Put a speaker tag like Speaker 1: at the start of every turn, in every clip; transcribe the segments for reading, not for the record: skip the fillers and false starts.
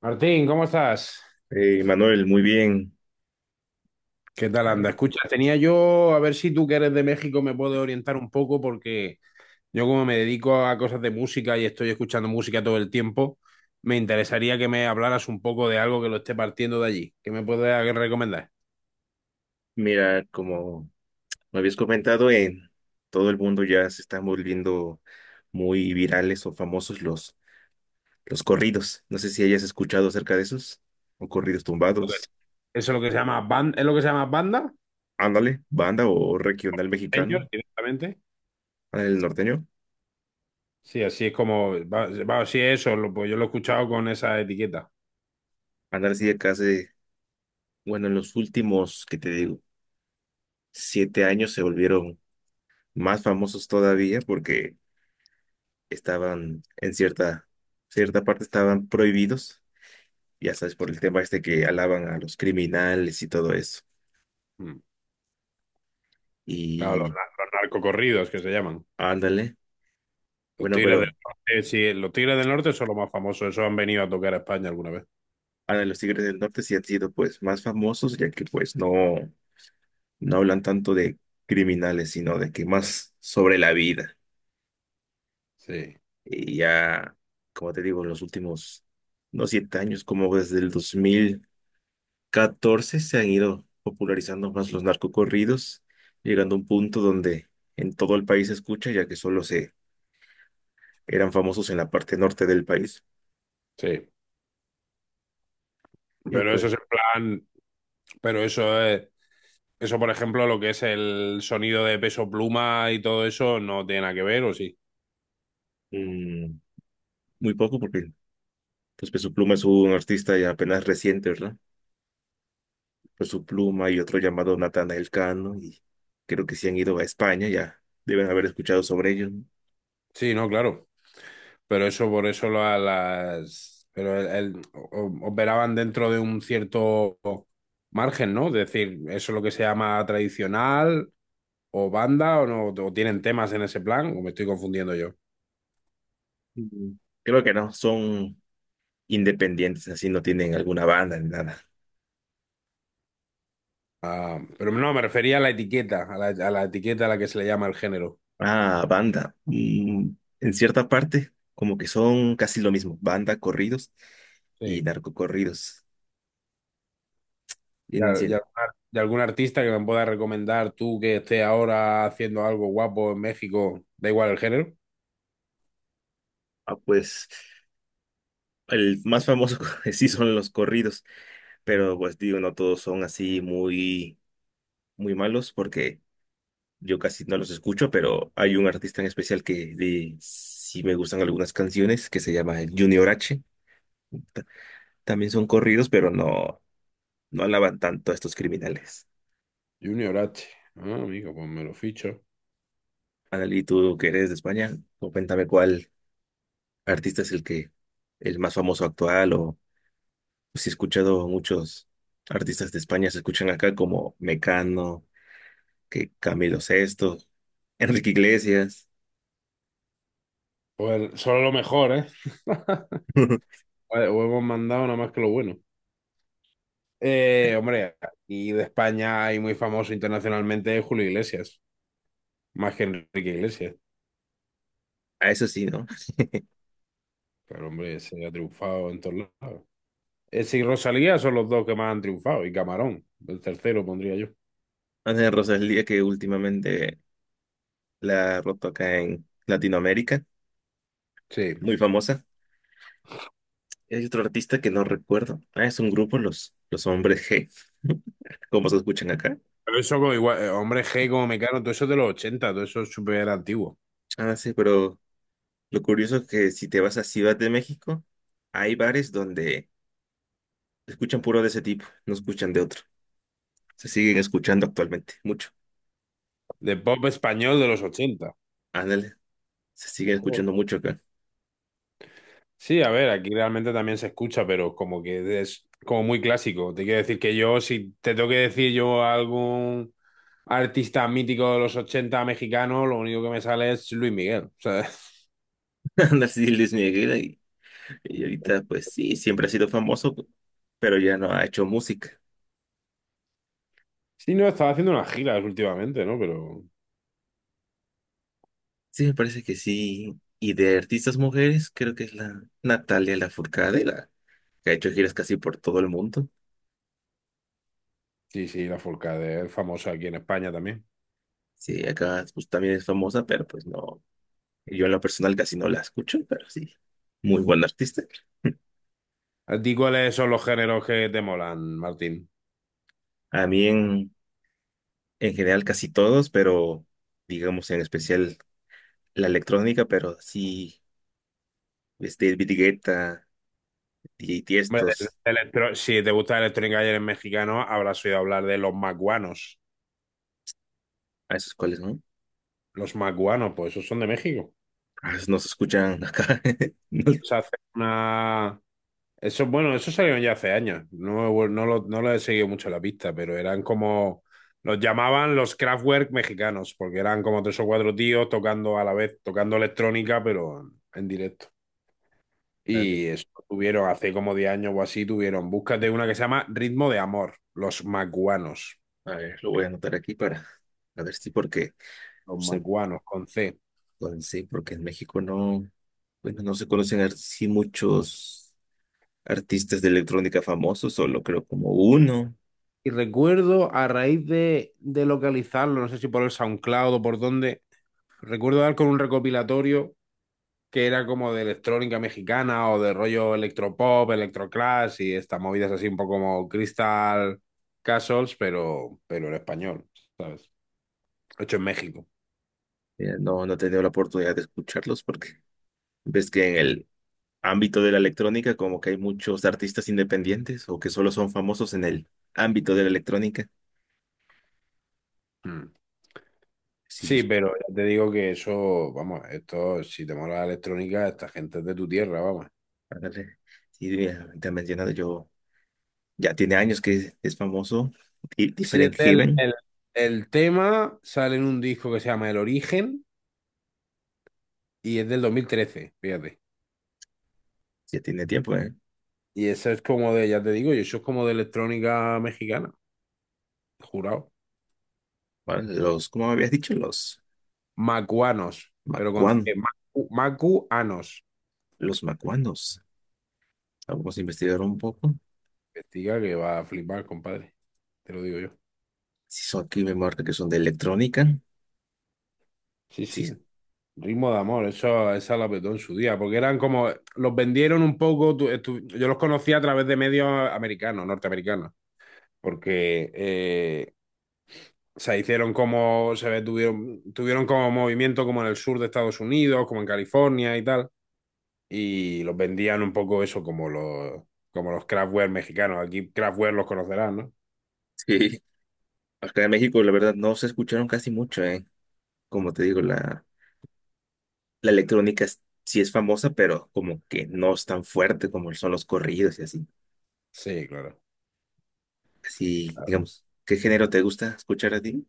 Speaker 1: Martín, ¿cómo estás?
Speaker 2: Manuel, muy bien.
Speaker 1: ¿Qué tal anda?
Speaker 2: Eh,
Speaker 1: Escucha, tenía yo, a ver si tú que eres de México me puedes orientar un poco porque yo, como me dedico a cosas de música y estoy escuchando música todo el tiempo, me interesaría que me hablaras un poco de algo que lo esté partiendo de allí. ¿Qué me puedes recomendar?
Speaker 2: Mira, como me habías comentado, en todo el mundo ya se están volviendo muy virales o famosos los corridos. No sé si hayas escuchado acerca de esos, o corridos
Speaker 1: Lo que
Speaker 2: tumbados.
Speaker 1: es- Eso es lo que se llama banda, ¿es lo que se llama banda?
Speaker 2: Ándale, banda o regional mexicano,
Speaker 1: Señor, directamente.
Speaker 2: ándale el norteño.
Speaker 1: Sí, así es como, sí, eso, pues yo lo he escuchado con esa etiqueta.
Speaker 2: Ándale, sí, acá hace, bueno, en los últimos, que te digo, 7 años se volvieron más famosos todavía porque estaban en cierta parte estaban prohibidos ya sabes, por el tema este que alaban a los criminales y todo eso.
Speaker 1: Mm. Claro,
Speaker 2: Y
Speaker 1: los narcocorridos que se llaman.
Speaker 2: ándale,
Speaker 1: Los
Speaker 2: bueno,
Speaker 1: Tigres del
Speaker 2: pero
Speaker 1: Norte, sí, los Tigres del Norte son los más famosos, esos han venido a tocar a España alguna vez.
Speaker 2: ándale, los Tigres del Norte sí han sido pues más famosos, ya que pues no, no hablan tanto de criminales, sino de que más sobre la vida.
Speaker 1: Sí.
Speaker 2: Y ya, como te digo, los últimos, no 7 años, como desde el 2014 se han ido popularizando más los narcocorridos, llegando a un punto donde en todo el país se escucha, ya que solo se eran famosos en la parte norte del país.
Speaker 1: Sí,
Speaker 2: Y
Speaker 1: pero eso
Speaker 2: pues,
Speaker 1: es en plan, pero eso es, eso por ejemplo, lo que es el sonido de Peso Pluma y todo eso no tiene nada que ver, ¿o sí?
Speaker 2: mm, muy poco porque pues, Peso Pluma es un artista ya apenas reciente, ¿verdad? Peso Pluma y otro llamado Natanael Cano, y creo que si han ido a España ya deben haber escuchado sobre ellos. ¿No?
Speaker 1: Sí, no, claro, pero eso por eso pero operaban dentro de un cierto margen, ¿no? Es decir, eso es lo que se llama tradicional o banda o no, o tienen temas en ese plan, o me estoy confundiendo yo.
Speaker 2: Mm, Creo que no, son independientes, así no tienen alguna banda ni nada.
Speaker 1: Ah, pero no, me refería a la etiqueta, a la etiqueta a la que se le llama el género.
Speaker 2: Ah, banda. En cierta parte, como que son casi lo mismo, banda, corridos y
Speaker 1: Sí.
Speaker 2: narcocorridos.
Speaker 1: Y,
Speaker 2: Tienen
Speaker 1: a- y
Speaker 2: cien-
Speaker 1: a- y algún artista que me pueda recomendar tú que esté ahora haciendo algo guapo en México, da igual el género.
Speaker 2: Ah, pues el más famoso sí son los corridos pero pues digo, no todos son así muy, muy malos porque yo casi no los escucho, pero hay un artista en especial que de, sí me gustan algunas canciones que se llama Junior H. Ta- También son corridos, pero no, no alaban tanto a estos criminales.
Speaker 1: Junior H. Ah, amigo, pues me lo ficho.
Speaker 2: Analí, tú que eres de España, cuéntame cuál artista es el que, el más famoso actual o si he escuchado muchos artistas de España se escuchan acá como Mecano, que Camilo Sesto, Enrique Iglesias.
Speaker 1: Pues solo lo mejor, ¿eh? Vale, o hemos mandado nada más que lo bueno. Hombre, y de España hay muy famoso internacionalmente Julio Iglesias, más que Enrique Iglesias.
Speaker 2: A eso sí, ¿no?
Speaker 1: Pero hombre, se ha triunfado en todos lados. Ese y Rosalía son los dos que más han triunfado. Y Camarón, el tercero pondría yo.
Speaker 2: Ana Rosalía, que últimamente la ha roto acá en Latinoamérica,
Speaker 1: Sí.
Speaker 2: muy famosa. Hay otro artista que no recuerdo. Ah, es un grupo, los hombres G, como se escuchan acá.
Speaker 1: Pero eso como igual, hombre G como Mecano, todo eso es de los ochenta, todo eso es súper antiguo.
Speaker 2: Ah, sí, pero lo curioso es que si te vas a Ciudad de México, hay bares donde escuchan puro de ese tipo, no escuchan de otro. Se siguen escuchando actualmente, mucho.
Speaker 1: De pop español de los ochenta.
Speaker 2: Ándale, se siguen
Speaker 1: Joder.
Speaker 2: escuchando mucho acá.
Speaker 1: Sí, a ver, aquí realmente también se escucha, pero como que es como muy clásico. Te quiero decir que yo, si te tengo que decir yo algún artista mítico de los 80 mexicano, lo único que me sale es Luis Miguel. O sea,
Speaker 2: Ándale, sí, Luis Miguel, y ahorita, pues sí, siempre ha sido famoso, pero ya no ha hecho música.
Speaker 1: sí, no, estaba haciendo unas giras últimamente, ¿no? Pero
Speaker 2: Sí, me parece que sí. Y de artistas mujeres, creo que es la Natalia Lafourcade, la que ha hecho giras casi por todo el mundo.
Speaker 1: sí, sí, la Forcade es famosa aquí en España también.
Speaker 2: Sí, acá pues, también es famosa, pero pues no. Yo en lo personal casi no la escucho, pero sí, muy buen artista.
Speaker 1: ¿A ti cuáles son los géneros que te molan, Martín?
Speaker 2: A mí en general casi todos, pero digamos en especial la electrónica, pero sí, este, David Guetta, DJ
Speaker 1: Hombre,
Speaker 2: Tiestos,
Speaker 1: del si te gusta el electrónica y eres mexicano, habrás oído hablar de los macuanos.
Speaker 2: a esos cuales, ¿no?
Speaker 1: Los macuanos, pues esos son de México.
Speaker 2: A esos no se escuchan acá. No,
Speaker 1: Se hace una... Eso, bueno, eso salieron ya hace años. No, no lo he seguido mucho la pista, pero eran como... Los llamaban los Kraftwerk mexicanos, porque eran como tres o cuatro tíos tocando a la vez, tocando electrónica, pero en directo.
Speaker 2: a mí
Speaker 1: Y eso tuvieron hace como 10 años o así, tuvieron. Búscate una que se llama Ritmo de Amor, los macuanos.
Speaker 2: a ver, lo voy a anotar aquí para a ver si porque
Speaker 1: Los
Speaker 2: sí,
Speaker 1: macuanos con C.
Speaker 2: pues sí, porque en México no, bueno, no se conocen así muchos artistas de electrónica famosos, solo creo como uno.
Speaker 1: Y recuerdo a raíz de localizarlo, no sé si por el SoundCloud o por dónde, recuerdo dar con un recopilatorio que era como de electrónica mexicana o de rollo electropop, electroclash y estas movidas, así un poco como Crystal Castles, pero, en español, ¿sabes? Hecho en México.
Speaker 2: No, no he tenido la oportunidad de escucharlos porque ves que en el ámbito de la electrónica como que hay muchos artistas independientes o que solo son famosos en el ámbito de la electrónica.
Speaker 1: Mm.
Speaker 2: Sí, yo,
Speaker 1: Sí, pero ya te digo que eso, vamos, esto, si te mola la electrónica, esta gente es de tu tierra, vamos.
Speaker 2: ándale. Sí, mira, te he mencionado yo, ya tiene años que es famoso. Y
Speaker 1: Sí,
Speaker 2: Different Heaven,
Speaker 1: el tema sale en un disco que se llama El Origen y es del dos mil trece, fíjate.
Speaker 2: ya tiene tiempo, ¿eh?
Speaker 1: Y eso es como de, ya te digo, y eso es como de electrónica mexicana, jurado.
Speaker 2: Vale, los, ¿cómo me habías dicho? Los
Speaker 1: Macuanos, pero con C,
Speaker 2: macuan,
Speaker 1: Macuanos.
Speaker 2: los macuanos. Vamos a investigar un poco.
Speaker 1: Investiga que va a flipar, compadre, te lo digo yo.
Speaker 2: Si son aquí, me marca que son de electrónica.
Speaker 1: Sí,
Speaker 2: Sí,
Speaker 1: sí. Ritmo de amor, eso, esa la petó en su día, porque eran como, los vendieron un poco, yo los conocí a través de medios americanos, norteamericanos, porque se hicieron como, se ve, tuvieron como movimiento como en el sur de Estados Unidos, como en California y tal, y los vendían un poco eso como los Kraftwerk mexicanos, aquí Kraftwerk los conocerás, ¿no?
Speaker 2: sí. Acá en México, la verdad, no se escucharon casi mucho, ¿eh? Como te digo, la electrónica sí es famosa, pero como que no es tan fuerte como son los corridos y así.
Speaker 1: Sí, claro.
Speaker 2: Así, digamos, ¿qué género te gusta escuchar a ti?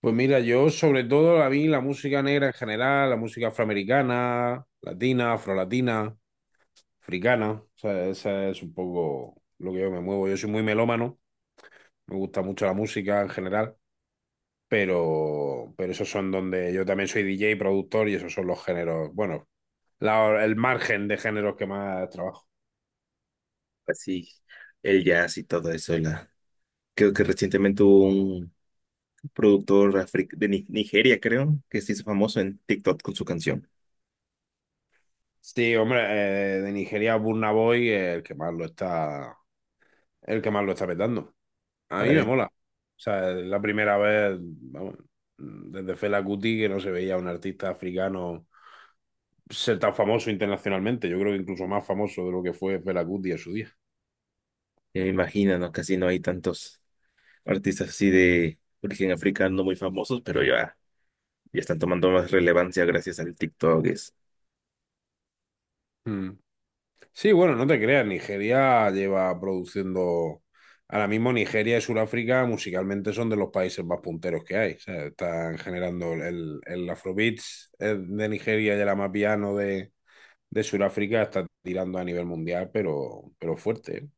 Speaker 1: Pues mira, yo sobre todo, a mí la música negra en general, la música afroamericana, latina, afrolatina, africana. O sea, esa es un poco lo que yo me muevo. Yo soy muy melómano, me gusta mucho la música en general, pero, esos son donde yo también soy DJ, productor, y esos son los géneros, bueno, el margen de géneros que más trabajo.
Speaker 2: Así, el jazz y todo eso. Creo que recientemente hubo un productor de Nigeria, creo, que se hizo famoso en TikTok con su canción.
Speaker 1: Sí, hombre, de Nigeria, Burna Boy, el que más lo está, el que más lo está petando. A mí me
Speaker 2: ¿Vale?
Speaker 1: mola. O sea, es la primera vez, vamos, desde Fela Kuti que no se veía un artista africano ser tan famoso internacionalmente. Yo creo que incluso más famoso de lo que fue Fela Kuti en su día.
Speaker 2: Ya me imagino, ¿no? Casi no hay tantos artistas así de origen africano muy famosos, pero ya, ya están tomando más relevancia gracias al TikTok.
Speaker 1: Mm. Sí, bueno, no te creas, Nigeria lleva produciendo. Ahora mismo Nigeria y Sudáfrica musicalmente son de los países más punteros que hay. O sea, están generando el Afrobeats, de Nigeria, y el Amapiano de Sudáfrica está tirando a nivel mundial, pero, fuerte. ¿Eh?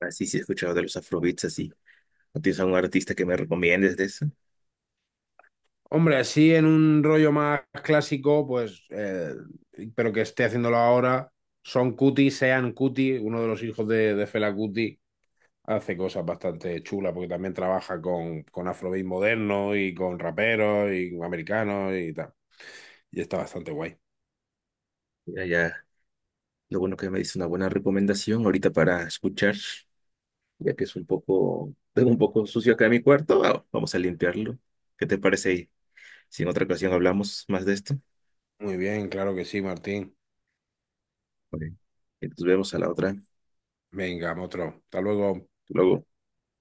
Speaker 2: Así sí sí, he escuchado de los afrobeats, así. ¿No tienes algún artista que me recomiendes de eso?
Speaker 1: Hombre, así en un rollo más clásico, pues, pero que esté haciéndolo ahora, Son Cuti, Sean Cuti, uno de los hijos de Fela Cuti, hace cosas bastante chulas porque también trabaja con, afrobeat moderno y con raperos y con americanos y tal. Y está bastante guay.
Speaker 2: Mira, ya, lo bueno que me dice una buena recomendación ahorita para escuchar, ya que es un poco, tengo un poco sucio acá en mi cuarto, ah, vamos a limpiarlo. ¿Qué te parece? Si en otra ocasión hablamos más de esto.
Speaker 1: Muy bien, claro que sí, Martín.
Speaker 2: Vale. Entonces vemos a la otra.
Speaker 1: Venga, otro. Hasta luego.
Speaker 2: Luego.